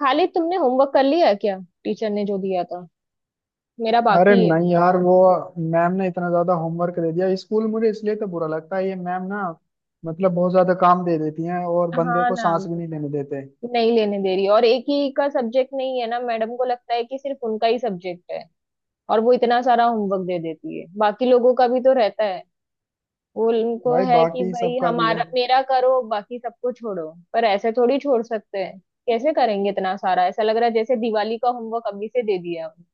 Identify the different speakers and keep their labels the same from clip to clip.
Speaker 1: खाली तुमने होमवर्क कर लिया है क्या? टीचर ने जो दिया था। मेरा
Speaker 2: अरे
Speaker 1: बाकी है।
Speaker 2: नहीं यार वो मैम ने इतना ज्यादा होमवर्क दे दिया स्कूल मुझे इसलिए तो बुरा लगता है ये मैम ना। मतलब बहुत ज्यादा काम दे देती हैं और बंदे
Speaker 1: हाँ
Speaker 2: को
Speaker 1: ना।
Speaker 2: सांस भी नहीं लेने देते।
Speaker 1: नहीं लेने दे रही, और एक ही का सब्जेक्ट नहीं है ना। मैडम को लगता है कि सिर्फ उनका ही सब्जेक्ट है। और वो इतना सारा होमवर्क दे देती है, बाकी लोगों का भी तो रहता है। वो उनको
Speaker 2: भाई
Speaker 1: है कि
Speaker 2: बाकी
Speaker 1: भाई
Speaker 2: सबका भी है।
Speaker 1: हमारा मेरा करो, बाकी सबको छोड़ो, पर ऐसे थोड़ी छोड़ सकते हैं। कैसे करेंगे इतना सारा? ऐसा लग रहा है जैसे दिवाली का होमवर्क अभी से दे दिया है।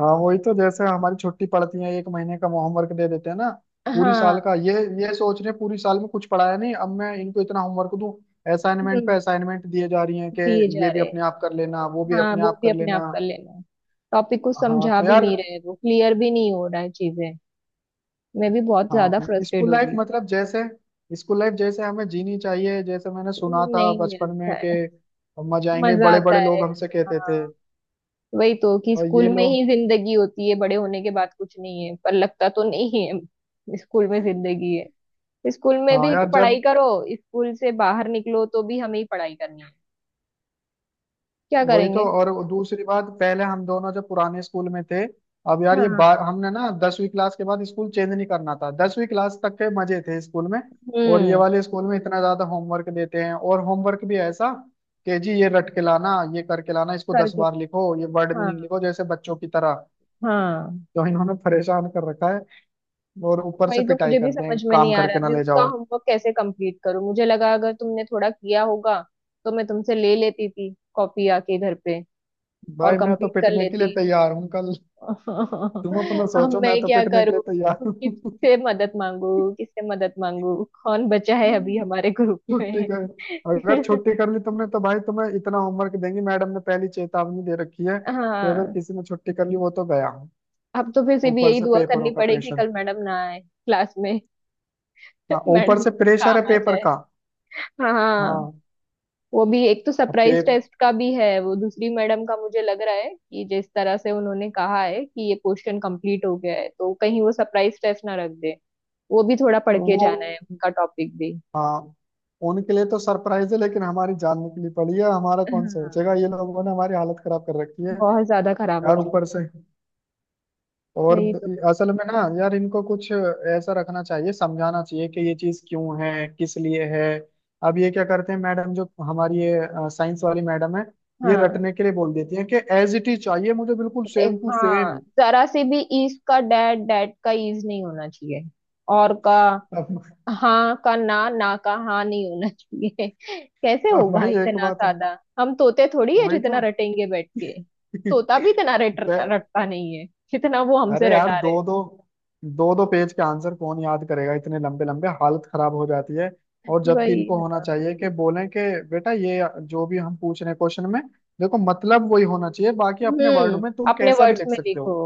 Speaker 2: हाँ वही तो जैसे हमारी छुट्टी पड़ती है एक महीने का होमवर्क दे देते हैं ना। पूरी
Speaker 1: हाँ।
Speaker 2: साल का। ये सोच रहे हैं पूरी साल में कुछ पढ़ाया नहीं अब मैं इनको इतना होमवर्क दूं। असाइनमेंट पे
Speaker 1: हम्म,
Speaker 2: असाइनमेंट दिए जा रही हैं कि
Speaker 1: दिए जा
Speaker 2: ये भी
Speaker 1: रहे हैं।
Speaker 2: अपने आप कर लेना वो भी
Speaker 1: हाँ,
Speaker 2: अपने
Speaker 1: वो
Speaker 2: आप
Speaker 1: भी
Speaker 2: कर
Speaker 1: अपने आप
Speaker 2: लेना।
Speaker 1: कर लेना है। टॉपिक को
Speaker 2: हाँ
Speaker 1: समझा
Speaker 2: तो
Speaker 1: भी
Speaker 2: यार।
Speaker 1: नहीं रहे, वो क्लियर भी नहीं हो रहा है चीजें। मैं भी बहुत ज्यादा
Speaker 2: हाँ
Speaker 1: फ्रस्ट्रेट
Speaker 2: स्कूल
Speaker 1: हो
Speaker 2: लाइफ
Speaker 1: रही हूँ।
Speaker 2: मतलब जैसे स्कूल लाइफ जैसे हमें जीनी चाहिए जैसे मैंने सुना था
Speaker 1: नहीं
Speaker 2: बचपन में
Speaker 1: मिलता
Speaker 2: कि
Speaker 1: है।
Speaker 2: हम मजा आएंगे
Speaker 1: मजा
Speaker 2: बड़े
Speaker 1: आता
Speaker 2: बड़े
Speaker 1: है।
Speaker 2: लोग हमसे कहते थे।
Speaker 1: हाँ, वही तो कि
Speaker 2: और ये
Speaker 1: स्कूल में ही
Speaker 2: लोग।
Speaker 1: जिंदगी होती है, बड़े होने के बाद कुछ नहीं है, पर लगता तो नहीं है स्कूल में जिंदगी है। स्कूल में
Speaker 2: हाँ
Speaker 1: भी
Speaker 2: यार
Speaker 1: पढ़ाई
Speaker 2: जब
Speaker 1: करो, स्कूल से बाहर निकलो तो भी हमें ही पढ़ाई करनी है। क्या
Speaker 2: वही तो
Speaker 1: करेंगे?
Speaker 2: और दूसरी बात पहले हम दोनों जब पुराने स्कूल में थे। अब यार ये बार
Speaker 1: हाँ।
Speaker 2: हमने ना 10वीं क्लास के बाद स्कूल चेंज नहीं करना था 10वीं क्लास तक के मजे थे स्कूल में। और ये
Speaker 1: हम्म।
Speaker 2: वाले स्कूल में इतना ज्यादा होमवर्क देते हैं और होमवर्क भी ऐसा कि जी ये रट के लाना ये करके लाना इसको दस
Speaker 1: करके।
Speaker 2: बार लिखो ये वर्ड
Speaker 1: हाँ।
Speaker 2: मीनिंग लिखो जैसे बच्चों की तरह।
Speaker 1: हाँ।
Speaker 2: तो इन्होंने परेशान कर रखा है और ऊपर
Speaker 1: वही
Speaker 2: से
Speaker 1: तो,
Speaker 2: पिटाई
Speaker 1: मुझे भी
Speaker 2: करते
Speaker 1: समझ
Speaker 2: हैं
Speaker 1: में नहीं
Speaker 2: काम
Speaker 1: आ रहा
Speaker 2: करके
Speaker 1: है
Speaker 2: ना
Speaker 1: अभी
Speaker 2: ले
Speaker 1: उसका
Speaker 2: जाओ।
Speaker 1: होमवर्क कैसे कंप्लीट करूं। मुझे लगा अगर तुमने थोड़ा किया होगा तो मैं तुमसे ले लेती थी कॉपी आके घर पे। और
Speaker 2: भाई मैं तो
Speaker 1: कंप्लीट कर
Speaker 2: पिटने के लिए
Speaker 1: लेती।
Speaker 2: तैयार हूँ कल। तुम अपना
Speaker 1: अब
Speaker 2: सोचो
Speaker 1: मैं
Speaker 2: मैं तो
Speaker 1: क्या
Speaker 2: पिटने के
Speaker 1: करूं?
Speaker 2: लिए तैयार हूँ।
Speaker 1: किससे मदद मांगू? किससे मदद मांगू? कौन बचा है अभी हमारे ग्रुप
Speaker 2: छुट्टी
Speaker 1: में?
Speaker 2: कर। अगर छुट्टी कर ली तुमने तो भाई तुम्हें इतना होमवर्क देंगी मैडम ने पहली चेतावनी दे रखी है कि अगर
Speaker 1: हाँ,
Speaker 2: किसी ने छुट्टी कर ली वो तो गया।
Speaker 1: अब तो फिर से भी
Speaker 2: ऊपर
Speaker 1: यही
Speaker 2: से
Speaker 1: दुआ करनी
Speaker 2: पेपरों का
Speaker 1: पड़ेगी
Speaker 2: प्रेशर।
Speaker 1: कल मैडम ना आए क्लास में।
Speaker 2: हाँ ऊपर
Speaker 1: मैडम
Speaker 2: से
Speaker 1: को कुछ
Speaker 2: प्रेशर है
Speaker 1: काम आ
Speaker 2: पेपर
Speaker 1: जाए।
Speaker 2: का।
Speaker 1: हाँ,
Speaker 2: हाँ।
Speaker 1: वो भी एक तो
Speaker 2: अब पे।
Speaker 1: सरप्राइज टेस्ट का भी है, वो दूसरी मैडम का। मुझे लग रहा है कि जिस तरह से उन्होंने कहा है कि ये क्वेश्चन कंप्लीट हो गया है, तो कहीं वो सरप्राइज टेस्ट ना रख दे। वो भी थोड़ा पढ़ के
Speaker 2: वो।
Speaker 1: जाना है उनका टॉपिक भी।
Speaker 2: हाँ उनके लिए तो सरप्राइज है लेकिन हमारी जान निकली पड़ी है हमारा कौन
Speaker 1: हाँ।
Speaker 2: सोचेगा ये लोगों ने हमारी हालत खराब कर रखी है।
Speaker 1: बहुत ज्यादा खराब हो
Speaker 2: यार ऊपर
Speaker 1: चुकी
Speaker 2: से
Speaker 1: है,
Speaker 2: और
Speaker 1: वही तो।
Speaker 2: असल में ना यार इनको कुछ ऐसा रखना चाहिए समझाना चाहिए कि ये चीज क्यों है किस लिए है। अब ये क्या करते हैं मैडम जो हमारी ये साइंस वाली मैडम है ये
Speaker 1: हाँ।
Speaker 2: रटने के लिए बोल देती है कि एज इट इज चाहिए मुझे बिल्कुल सेम टू
Speaker 1: हाँ,
Speaker 2: सेम।
Speaker 1: जरा से भी ईज का डैट, डैट का ईज नहीं होना चाहिए। और का।
Speaker 2: अब,
Speaker 1: हाँ का ना, ना का हाँ नहीं होना चाहिए। कैसे
Speaker 2: अब
Speaker 1: होगा
Speaker 2: भाई एक
Speaker 1: इतना
Speaker 2: बात
Speaker 1: सादा? हम तोते थोड़ी है
Speaker 2: वही तो।
Speaker 1: जितना रटेंगे बैठ के। तोता भी इतना रट
Speaker 2: पै-
Speaker 1: रटता नहीं है जितना वो हमसे
Speaker 2: अरे यार
Speaker 1: रटा
Speaker 2: दो
Speaker 1: रहे
Speaker 2: दो दो दो पेज के आंसर कौन याद करेगा इतने लंबे लंबे हालत खराब हो जाती है।
Speaker 1: हैं।
Speaker 2: और जबकि
Speaker 1: वही।
Speaker 2: इनको होना चाहिए कि बोलें कि बेटा ये जो भी हम पूछ रहे हैं क्वेश्चन में देखो मतलब वही होना चाहिए बाकी अपने वर्ड
Speaker 1: हम्म
Speaker 2: में तुम
Speaker 1: अपने
Speaker 2: कैसा भी
Speaker 1: वर्ड्स
Speaker 2: लिख
Speaker 1: में
Speaker 2: सकते
Speaker 1: लिखो।
Speaker 2: हो।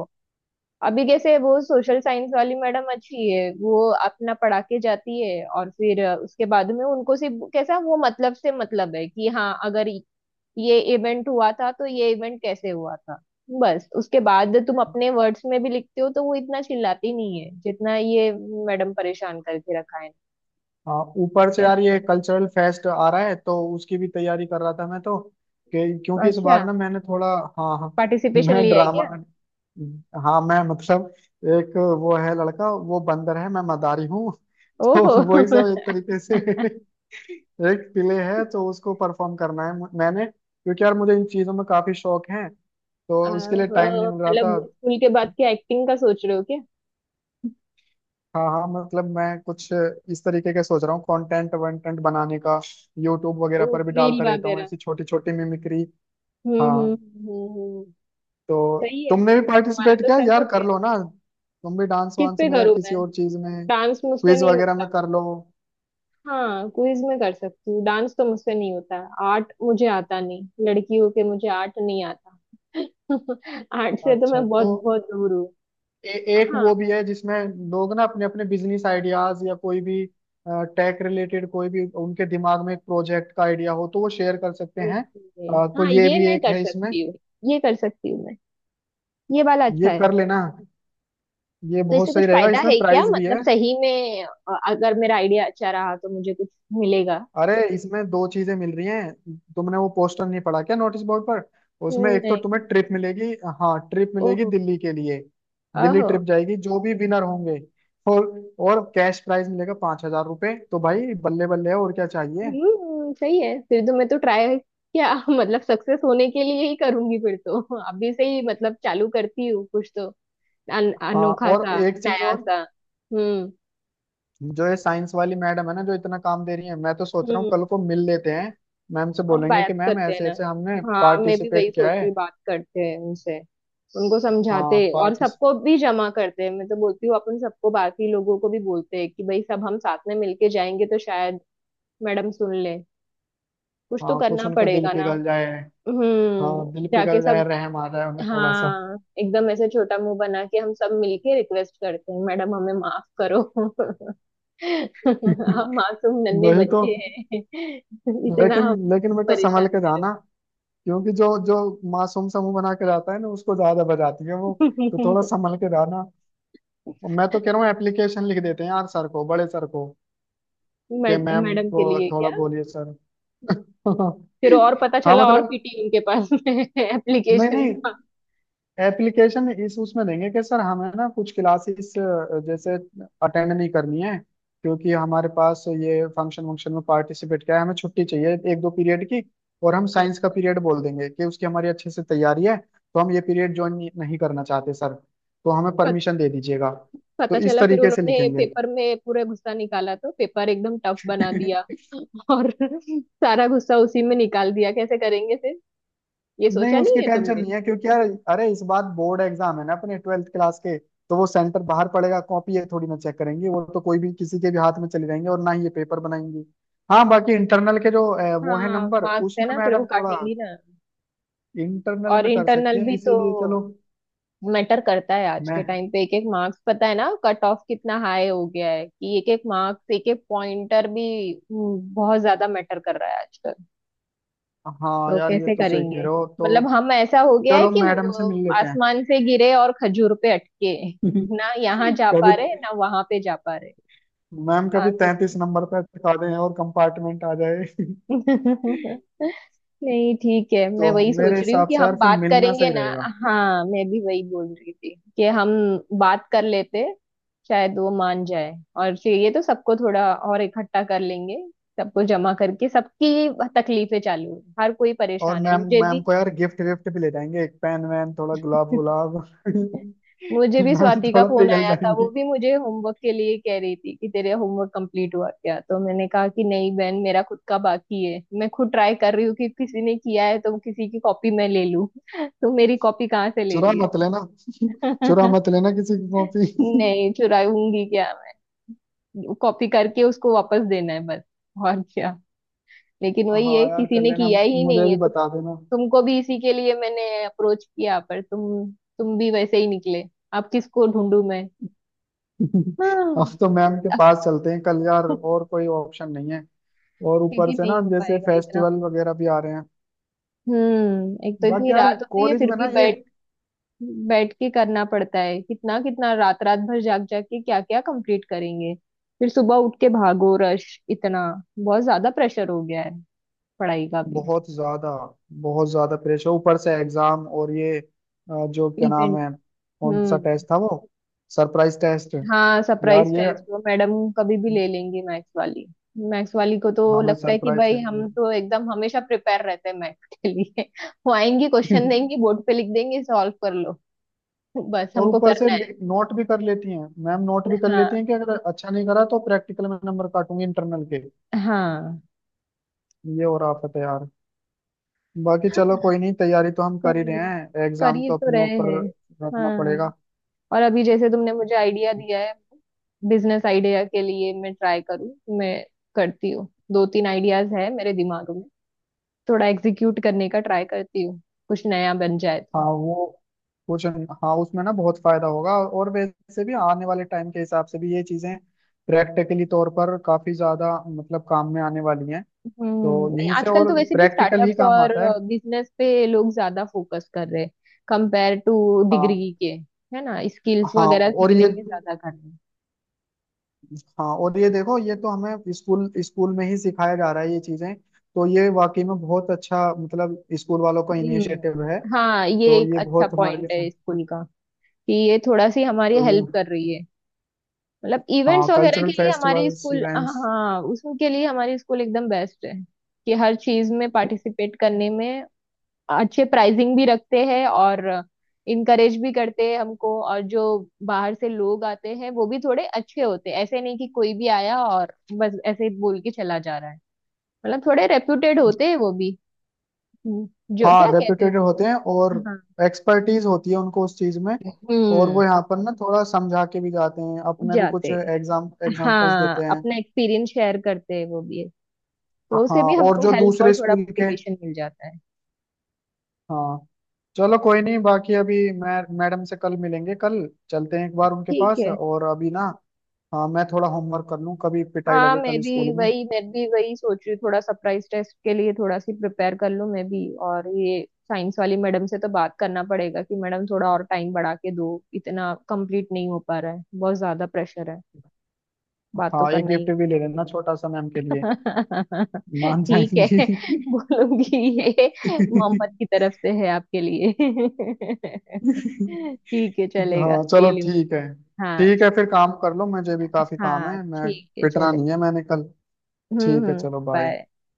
Speaker 1: अभी कैसे? वो सोशल साइंस वाली मैडम अच्छी है, वो अपना पढ़ा के जाती है, और फिर उसके बाद में उनको सिर्फ कैसा, वो मतलब से मतलब है कि हाँ अगर ये इवेंट हुआ था तो ये इवेंट कैसे हुआ था। बस उसके बाद तुम अपने वर्ड्स में भी लिखते हो तो वो इतना चिल्लाती नहीं है जितना ये मैडम परेशान करके रखा है।
Speaker 2: हाँ ऊपर से यार
Speaker 1: कैसे
Speaker 2: ये
Speaker 1: करें?
Speaker 2: कल्चरल फेस्ट आ रहा है तो उसकी भी तैयारी कर रहा था मैं तो क्योंकि इस
Speaker 1: अच्छा,
Speaker 2: बार ना मैंने थोड़ा हाँ हाँ
Speaker 1: पार्टिसिपेशन
Speaker 2: मैं
Speaker 1: लिया है
Speaker 2: ड्रामा
Speaker 1: क्या?
Speaker 2: हाँ मैं मतलब एक वो है लड़का वो बंदर है मैं मदारी हूँ। तो
Speaker 1: ओहो।
Speaker 2: वही सब एक तरीके से एक प्ले है तो उसको परफॉर्म करना है मैंने क्योंकि यार मुझे इन चीजों में काफी शौक है। तो उसके लिए टाइम नहीं
Speaker 1: आहो,
Speaker 2: मिल रहा
Speaker 1: मतलब
Speaker 2: था।
Speaker 1: स्कूल के बाद की एक्टिंग का सोच रहे हो क्या?
Speaker 2: हाँ हाँ मतलब मैं कुछ इस तरीके का सोच रहा हूँ कंटेंट वंटेंट बनाने का। यूट्यूब
Speaker 1: ओ,
Speaker 2: वगैरह पर भी
Speaker 1: रील
Speaker 2: डालता रहता हूँ
Speaker 1: वगैरह।
Speaker 2: ऐसी छोटी छोटी मिमिक्री।
Speaker 1: हम्म, हम्म।
Speaker 2: हाँ
Speaker 1: हम्म,
Speaker 2: तो
Speaker 1: सही है,
Speaker 2: तुमने भी
Speaker 1: तुम्हारा
Speaker 2: पार्टिसिपेट
Speaker 1: तो
Speaker 2: किया
Speaker 1: सेट हो
Speaker 2: यार कर
Speaker 1: गया।
Speaker 2: लो ना। तुम भी डांस
Speaker 1: किस
Speaker 2: वांस
Speaker 1: पे
Speaker 2: में या
Speaker 1: करूँ
Speaker 2: किसी
Speaker 1: मैं?
Speaker 2: और चीज में
Speaker 1: डांस मुझसे
Speaker 2: क्विज
Speaker 1: नहीं
Speaker 2: वगैरह
Speaker 1: होता।
Speaker 2: में कर लो।
Speaker 1: हाँ, क्विज में कर सकती हूँ। डांस तो मुझसे नहीं होता। आर्ट मुझे आता नहीं। लड़की हो के मुझे आर्ट नहीं आता। आर्ट से तो
Speaker 2: अच्छा
Speaker 1: मैं बहुत
Speaker 2: तो
Speaker 1: बहुत दूर हूँ।
Speaker 2: एक
Speaker 1: हाँ।
Speaker 2: वो भी है जिसमें लोग ना अपने अपने बिजनेस आइडियाज या कोई भी टेक रिलेटेड कोई भी उनके दिमाग में एक प्रोजेक्ट का आइडिया हो तो वो शेयर कर सकते हैं
Speaker 1: ओके।
Speaker 2: तो
Speaker 1: हाँ,
Speaker 2: ये
Speaker 1: ये
Speaker 2: भी
Speaker 1: मैं
Speaker 2: एक
Speaker 1: कर
Speaker 2: है इसमें।
Speaker 1: सकती हूँ। ये कर सकती हूँ मैं। ये वाला अच्छा
Speaker 2: ये
Speaker 1: है।
Speaker 2: कर लेना। ये
Speaker 1: तो
Speaker 2: बहुत
Speaker 1: इससे कुछ
Speaker 2: सही रहेगा
Speaker 1: फायदा
Speaker 2: इसमें
Speaker 1: है क्या?
Speaker 2: प्राइस भी
Speaker 1: मतलब
Speaker 2: है।
Speaker 1: सही में, अगर मेरा आइडिया अच्छा रहा तो मुझे कुछ मिलेगा?
Speaker 2: अरे इसमें दो चीजें मिल रही हैं। तुमने वो पोस्टर नहीं पढ़ा क्या नोटिस बोर्ड पर? उसमें एक तो
Speaker 1: नहीं।
Speaker 2: तुम्हें ट्रिप मिलेगी। हाँ ट्रिप मिलेगी
Speaker 1: ओहो।
Speaker 2: दिल्ली के लिए। दिल्ली
Speaker 1: ओहो।
Speaker 2: ट्रिप जाएगी जो भी विनर होंगे। और और कैश प्राइज मिलेगा 5,000 रुपये तो भाई बल्ले बल्ले है और क्या चाहिए।
Speaker 1: हम्म, सही है, फिर तो मैं तो ट्राई क्या मतलब सक्सेस होने के लिए ही करूंगी फिर तो। अभी से ही मतलब चालू करती हूँ कुछ तो।
Speaker 2: हाँ
Speaker 1: अनोखा
Speaker 2: और
Speaker 1: सा,
Speaker 2: एक चीज
Speaker 1: नया
Speaker 2: और।
Speaker 1: सा। हम्म।
Speaker 2: जो ये साइंस वाली मैडम है ना जो इतना काम दे रही है मैं तो सोच रहा हूँ
Speaker 1: हम्म।
Speaker 2: कल को मिल लेते हैं। मैम से
Speaker 1: हम
Speaker 2: बोलेंगे
Speaker 1: बात
Speaker 2: कि मैम
Speaker 1: करते हैं
Speaker 2: ऐसे
Speaker 1: ना।
Speaker 2: ऐसे हमने
Speaker 1: हाँ, मैं भी वही
Speaker 2: पार्टिसिपेट किया
Speaker 1: सोच रही
Speaker 2: है।
Speaker 1: हूँ, बात करते हैं उनसे। उनको
Speaker 2: हाँ
Speaker 1: समझाते हैं और
Speaker 2: पार्टिस
Speaker 1: सबको भी जमा करते हैं। मैं तो बोलती हूँ अपन सबको, बाकी लोगों को भी बोलते हैं कि भाई, सब हम साथ में मिलके जाएंगे तो शायद मैडम सुन ले। कुछ तो
Speaker 2: हाँ कुछ
Speaker 1: करना
Speaker 2: उनका दिल
Speaker 1: पड़ेगा ना।
Speaker 2: पिघल जाए। हाँ दिल
Speaker 1: जाके
Speaker 2: पिघल जाए
Speaker 1: सब।
Speaker 2: रहम आ जाए उन्हें थोड़ा सा।
Speaker 1: हाँ, एकदम ऐसे छोटा मुंह बना के हम सब मिलके रिक्वेस्ट करते हैं, मैडम हमें माफ करो। हम मासूम नन्हे
Speaker 2: वही तो।
Speaker 1: बच्चे हैं। इतना
Speaker 2: लेकिन
Speaker 1: हम
Speaker 2: लेकिन बेटा संभल
Speaker 1: परेशान
Speaker 2: के
Speaker 1: करो।
Speaker 2: जाना। क्योंकि जो जो मासूम समूह बना के जाता है ना उसको ज्यादा बजाती है वो। तो थोड़ा संभल के जाना। और मैं तो कह रहा हूँ एप्लीकेशन लिख देते हैं यार सर को बड़े सर को कि मैम
Speaker 1: मैडम
Speaker 2: को
Speaker 1: के लिए
Speaker 2: थोड़ा
Speaker 1: क्या?
Speaker 2: बोलिए सर।
Speaker 1: फिर और पता
Speaker 2: हाँ
Speaker 1: चला और
Speaker 2: मतलब
Speaker 1: पीटी उनके पास में है
Speaker 2: नहीं
Speaker 1: एप्लीकेशन
Speaker 2: नहीं
Speaker 1: का।
Speaker 2: एप्लीकेशन इस उसमें देंगे कि सर हमें ना कुछ क्लासेस जैसे अटेंड नहीं करनी है। क्योंकि हमारे पास ये फंक्शन वंक्शन में पार्टिसिपेट किया है हमें छुट्टी चाहिए एक दो पीरियड की। और हम साइंस का
Speaker 1: अच्छा।
Speaker 2: पीरियड बोल देंगे कि उसकी हमारी अच्छे से तैयारी है तो हम ये पीरियड ज्वाइन नहीं नहीं करना चाहते सर तो हमें
Speaker 1: पत,
Speaker 2: परमिशन दे दीजिएगा। तो
Speaker 1: पता
Speaker 2: इस
Speaker 1: चला फिर
Speaker 2: तरीके से
Speaker 1: उन्होंने
Speaker 2: लिखेंगे।
Speaker 1: पेपर में पूरा गुस्सा निकाला, तो पेपर एकदम टफ बना दिया। और सारा गुस्सा उसी में निकाल दिया। कैसे करेंगे फिर? ये
Speaker 2: नहीं
Speaker 1: सोचा नहीं
Speaker 2: उसकी
Speaker 1: है
Speaker 2: टेंशन
Speaker 1: तुमने?
Speaker 2: नहीं है क्योंकि यार अरे इस बार बोर्ड एग्जाम है ना अपने 12वीं क्लास के तो वो सेंटर बाहर पड़ेगा कॉपी ये थोड़ी ना चेक करेंगे वो तो कोई भी किसी के भी हाथ में चले जाएंगे और ना ही ये पेपर बनाएंगे। हाँ बाकी इंटरनल के जो
Speaker 1: हाँ,
Speaker 2: वो है नंबर
Speaker 1: मार्क्स है
Speaker 2: उसमें
Speaker 1: ना, फिर वो
Speaker 2: मैडम थोड़ा
Speaker 1: काटेंगी ना।
Speaker 2: इंटरनल
Speaker 1: और
Speaker 2: में कर
Speaker 1: इंटरनल
Speaker 2: सकती है
Speaker 1: भी तो
Speaker 2: इसीलिए चलो।
Speaker 1: मैटर करता है आज के टाइम
Speaker 2: मैं
Speaker 1: पे। एक एक मार्क्स पता है ना, कट ऑफ कितना हाई हो गया है कि एक एक मार्क्स, एक एक पॉइंटर भी। बहुत ज्यादा मैटर कर रहा है आजकल।
Speaker 2: हाँ
Speaker 1: तो
Speaker 2: यार ये
Speaker 1: कैसे
Speaker 2: तो सही कह
Speaker 1: करेंगे?
Speaker 2: रहे हो तो
Speaker 1: मतलब हम, ऐसा हो गया है
Speaker 2: चलो
Speaker 1: कि
Speaker 2: मैडम से
Speaker 1: वो
Speaker 2: मिल लेते हैं।
Speaker 1: आसमान से गिरे और खजूर पे अटके। ना यहाँ जा
Speaker 2: कभी
Speaker 1: पा रहे, ना वहां पे जा पा रहे।
Speaker 2: मैम कभी
Speaker 1: कहाँ से
Speaker 2: 33 नंबर पे अटका दें और कंपार्टमेंट आ जाए।
Speaker 1: करें? नहीं, ठीक है, मैं
Speaker 2: तो
Speaker 1: वही
Speaker 2: मेरे
Speaker 1: सोच रही हूँ
Speaker 2: हिसाब
Speaker 1: कि
Speaker 2: से यार
Speaker 1: हम
Speaker 2: फिर
Speaker 1: बात
Speaker 2: मिलना
Speaker 1: करेंगे
Speaker 2: सही
Speaker 1: ना।
Speaker 2: रहेगा।
Speaker 1: हाँ, मैं भी वही बोल रही थी कि हम बात कर लेते, शायद वो मान जाए, और फिर ये तो सबको थोड़ा और इकट्ठा कर लेंगे, सबको जमा करके सबकी तकलीफें चालू हैं, हर कोई
Speaker 2: और
Speaker 1: परेशान है,
Speaker 2: मैम
Speaker 1: मुझे
Speaker 2: मैम
Speaker 1: भी।
Speaker 2: को यार गिफ्ट विफ्ट भी ले जाएंगे एक पेन वैन थोड़ा गुलाब गुलाब।
Speaker 1: मुझे भी
Speaker 2: मैम
Speaker 1: स्वाति का
Speaker 2: थोड़ा
Speaker 1: फोन
Speaker 2: पिघल
Speaker 1: आया था, वो
Speaker 2: जाएंगी।
Speaker 1: भी मुझे होमवर्क के लिए कह रही थी कि तेरे होमवर्क कंप्लीट हुआ क्या, तो मैंने कहा कि नहीं बहन, मेरा खुद का बाकी है, मैं खुद ट्राई कर रही हूँ कि किसी ने किया है तो किसी की कॉपी मैं ले लूँ। तो मेरी कॉपी कहाँ से ले
Speaker 2: चुरा
Speaker 1: रही है।
Speaker 2: मत लेना। चुरा मत लेना किसी की कॉपी।
Speaker 1: नहीं, चुराऊंगी क्या? मैं कॉपी करके उसको वापस देना है बस। और क्या? लेकिन वही है,
Speaker 2: हाँ यार
Speaker 1: किसी
Speaker 2: कर
Speaker 1: ने
Speaker 2: लेना
Speaker 1: किया ही
Speaker 2: मुझे
Speaker 1: नहीं है।
Speaker 2: भी
Speaker 1: तुम,
Speaker 2: बता देना।
Speaker 1: तुमको भी इसी के लिए मैंने अप्रोच किया, पर तुम भी वैसे ही निकले। अब किसको ढूंढूं मैं? हाँ।
Speaker 2: अब तो मैम के पास चलते हैं कल यार। और कोई ऑप्शन नहीं है। और ऊपर
Speaker 1: क्योंकि
Speaker 2: से ना
Speaker 1: नहीं हो
Speaker 2: जैसे
Speaker 1: पाएगा इतना
Speaker 2: फेस्टिवल
Speaker 1: हम।
Speaker 2: वगैरह भी आ रहे हैं।
Speaker 1: हम्म, एक तो इतनी
Speaker 2: बाकी यार
Speaker 1: रात होती है,
Speaker 2: कॉलेज
Speaker 1: फिर
Speaker 2: में
Speaker 1: भी
Speaker 2: ना ये।
Speaker 1: बैठ बैठ के करना पड़ता है, कितना कितना रात रात भर जाग जाग के क्या क्या कंप्लीट करेंगे। फिर सुबह उठ के भागो, रश इतना। बहुत ज्यादा प्रेशर हो गया है पढ़ाई का भी।
Speaker 2: बहुत ज्यादा। बहुत ज्यादा प्रेशर ऊपर से एग्जाम और ये जो क्या नाम
Speaker 1: इवेंट।
Speaker 2: है। कौन सा
Speaker 1: हम्म।
Speaker 2: टेस्ट था वो। Surprise test.
Speaker 1: हाँ,
Speaker 2: यार
Speaker 1: सरप्राइज
Speaker 2: ये
Speaker 1: टेस्ट वो मैडम कभी भी ले लेंगी, मैथ्स वाली। मैथ्स वाली को तो
Speaker 2: हमें
Speaker 1: लगता है कि
Speaker 2: सरप्राइज
Speaker 1: भाई
Speaker 2: करने
Speaker 1: हम तो एकदम हमेशा प्रिपेयर रहते हैं मैथ्स के लिए। वो आएंगी, क्वेश्चन
Speaker 2: हैं।
Speaker 1: देंगी, बोर्ड पे लिख देंगे, सॉल्व कर लो। बस
Speaker 2: और
Speaker 1: हमको
Speaker 2: ऊपर से
Speaker 1: करना है।
Speaker 2: नोट भी कर लेती हैं मैम नोट भी कर
Speaker 1: हाँ,
Speaker 2: लेती हैं कि अगर अच्छा नहीं करा तो प्रैक्टिकल में नंबर काटूंगी इंटरनल के।
Speaker 1: हाँ,
Speaker 2: ये और आफत है यार। बाकी चलो कोई नहीं तैयारी तो हम कर ही
Speaker 1: कोई
Speaker 2: रहे
Speaker 1: नहीं,
Speaker 2: हैं
Speaker 1: कर
Speaker 2: एग्जाम
Speaker 1: ही
Speaker 2: तो
Speaker 1: तो
Speaker 2: अपने
Speaker 1: रहे
Speaker 2: ऊपर
Speaker 1: हैं। हाँ,
Speaker 2: रखना
Speaker 1: हाँ।
Speaker 2: पड़ेगा।
Speaker 1: और अभी जैसे तुमने मुझे आइडिया दिया है बिजनेस आइडिया के लिए, मैं ट्राई करूँ। मैं करती हूँ, दो तीन आइडियाज है मेरे दिमाग में, थोड़ा एग्जीक्यूट करने का ट्राई करती हूँ, कुछ नया बन जाए
Speaker 2: हाँ
Speaker 1: तो।
Speaker 2: वो कुछ हाँ उसमें ना बहुत फायदा होगा और वैसे भी आने वाले टाइम के हिसाब से भी ये चीजें प्रैक्टिकली तौर पर काफी ज्यादा मतलब काम में आने वाली हैं।
Speaker 1: हम्म।
Speaker 2: तो
Speaker 1: नहीं,
Speaker 2: यहीं से
Speaker 1: आजकल
Speaker 2: और
Speaker 1: तो वैसे भी
Speaker 2: प्रैक्टिकल ही
Speaker 1: स्टार्टअप्स
Speaker 2: काम
Speaker 1: और
Speaker 2: आता है।
Speaker 1: बिजनेस पे लोग ज्यादा फोकस कर रहे हैं, कंपेयर टू
Speaker 2: हाँ
Speaker 1: डिग्री के, है ना? स्किल्स
Speaker 2: हाँ
Speaker 1: वगैरह सीखने में ज्यादा कर रहे हैं।
Speaker 2: और ये देखो ये तो हमें स्कूल स्कूल में ही सिखाया जा रहा है ये चीजें तो ये वाकई में बहुत अच्छा मतलब स्कूल वालों का इनिशिएटिव है।
Speaker 1: हम्म। हाँ, ये
Speaker 2: तो
Speaker 1: एक
Speaker 2: ये
Speaker 1: अच्छा
Speaker 2: बहुत हमारे लिए।
Speaker 1: पॉइंट है स्कूल का कि ये थोड़ा सी हमारी
Speaker 2: तो ये।
Speaker 1: हेल्प कर रही है। मतलब इवेंट्स
Speaker 2: हाँ
Speaker 1: वगैरह
Speaker 2: कल्चरल
Speaker 1: के लिए हमारी
Speaker 2: फेस्टिवल्स
Speaker 1: स्कूल,
Speaker 2: इवेंट्स।
Speaker 1: हाँ, उसके लिए हमारी स्कूल एकदम बेस्ट है। कि हर चीज में पार्टिसिपेट करने में अच्छे प्राइजिंग भी रखते हैं, और इनकरेज भी करते हैं हमको। और जो बाहर से लोग आते हैं वो भी थोड़े अच्छे होते हैं, ऐसे नहीं कि कोई भी आया और बस ऐसे ही बोल के चला जा रहा है। मतलब थोड़े रेप्यूटेड होते हैं वो भी। हम्म, जो
Speaker 2: हाँ
Speaker 1: क्या कहते हैं।
Speaker 2: रेप्यूटेड होते हैं और
Speaker 1: हाँ।
Speaker 2: एक्सपर्टीज होती है उनको उस चीज में। और वो
Speaker 1: हम्म
Speaker 2: यहाँ पर ना थोड़ा समझा के भी जाते हैं अपने भी कुछ
Speaker 1: जाते।
Speaker 2: एग्जाम्पल्स देते
Speaker 1: हाँ,
Speaker 2: हैं।
Speaker 1: अपना एक्सपीरियंस शेयर करते हैं वो भी है, तो
Speaker 2: हाँ
Speaker 1: उसे भी
Speaker 2: और
Speaker 1: हमको
Speaker 2: जो
Speaker 1: हेल्प और
Speaker 2: दूसरे
Speaker 1: थोड़ा
Speaker 2: स्कूल के।
Speaker 1: मोटिवेशन मिल जाता है।
Speaker 2: हाँ चलो कोई नहीं बाकी अभी मैं मैडम से कल मिलेंगे कल। चलते हैं एक बार उनके
Speaker 1: ठीक
Speaker 2: पास
Speaker 1: है।
Speaker 2: और अभी ना। हाँ मैं थोड़ा होमवर्क कर लूँ कभी पिटाई
Speaker 1: हाँ,
Speaker 2: लगे
Speaker 1: मैं
Speaker 2: कल
Speaker 1: भी
Speaker 2: स्कूल में।
Speaker 1: वही मैं भी वही सोच रही हूँ, थोड़ा सरप्राइज टेस्ट के लिए थोड़ा सी प्रिपेयर कर लूँ मैं भी। और ये साइंस वाली मैडम से तो बात करना पड़ेगा कि मैडम थोड़ा और टाइम बढ़ा के दो, इतना कंप्लीट नहीं हो पा रहा है, बहुत ज्यादा प्रेशर है। बात तो
Speaker 2: हाँ एक
Speaker 1: करना ही
Speaker 2: गिफ्ट भी ले
Speaker 1: है।
Speaker 2: लेना छोटा सा मैम के लिए। मान
Speaker 1: ठीक है।
Speaker 2: जाएंगी।
Speaker 1: बोलूंगी, ये मोहम्मद की तरफ से है आपके लिए। ठीक है, चलेगा,
Speaker 2: हाँ
Speaker 1: ले
Speaker 2: चलो
Speaker 1: लूंगी।
Speaker 2: ठीक है।
Speaker 1: हाँ।
Speaker 2: ठीक है फिर काम कर लो मुझे भी काफी काम है।
Speaker 1: हाँ,
Speaker 2: मैं
Speaker 1: ठीक है,
Speaker 2: पिटना
Speaker 1: चले।
Speaker 2: नहीं है मैंने कल।
Speaker 1: हम्म,
Speaker 2: ठीक है
Speaker 1: हम्म।
Speaker 2: चलो
Speaker 1: बाय।
Speaker 2: बाय।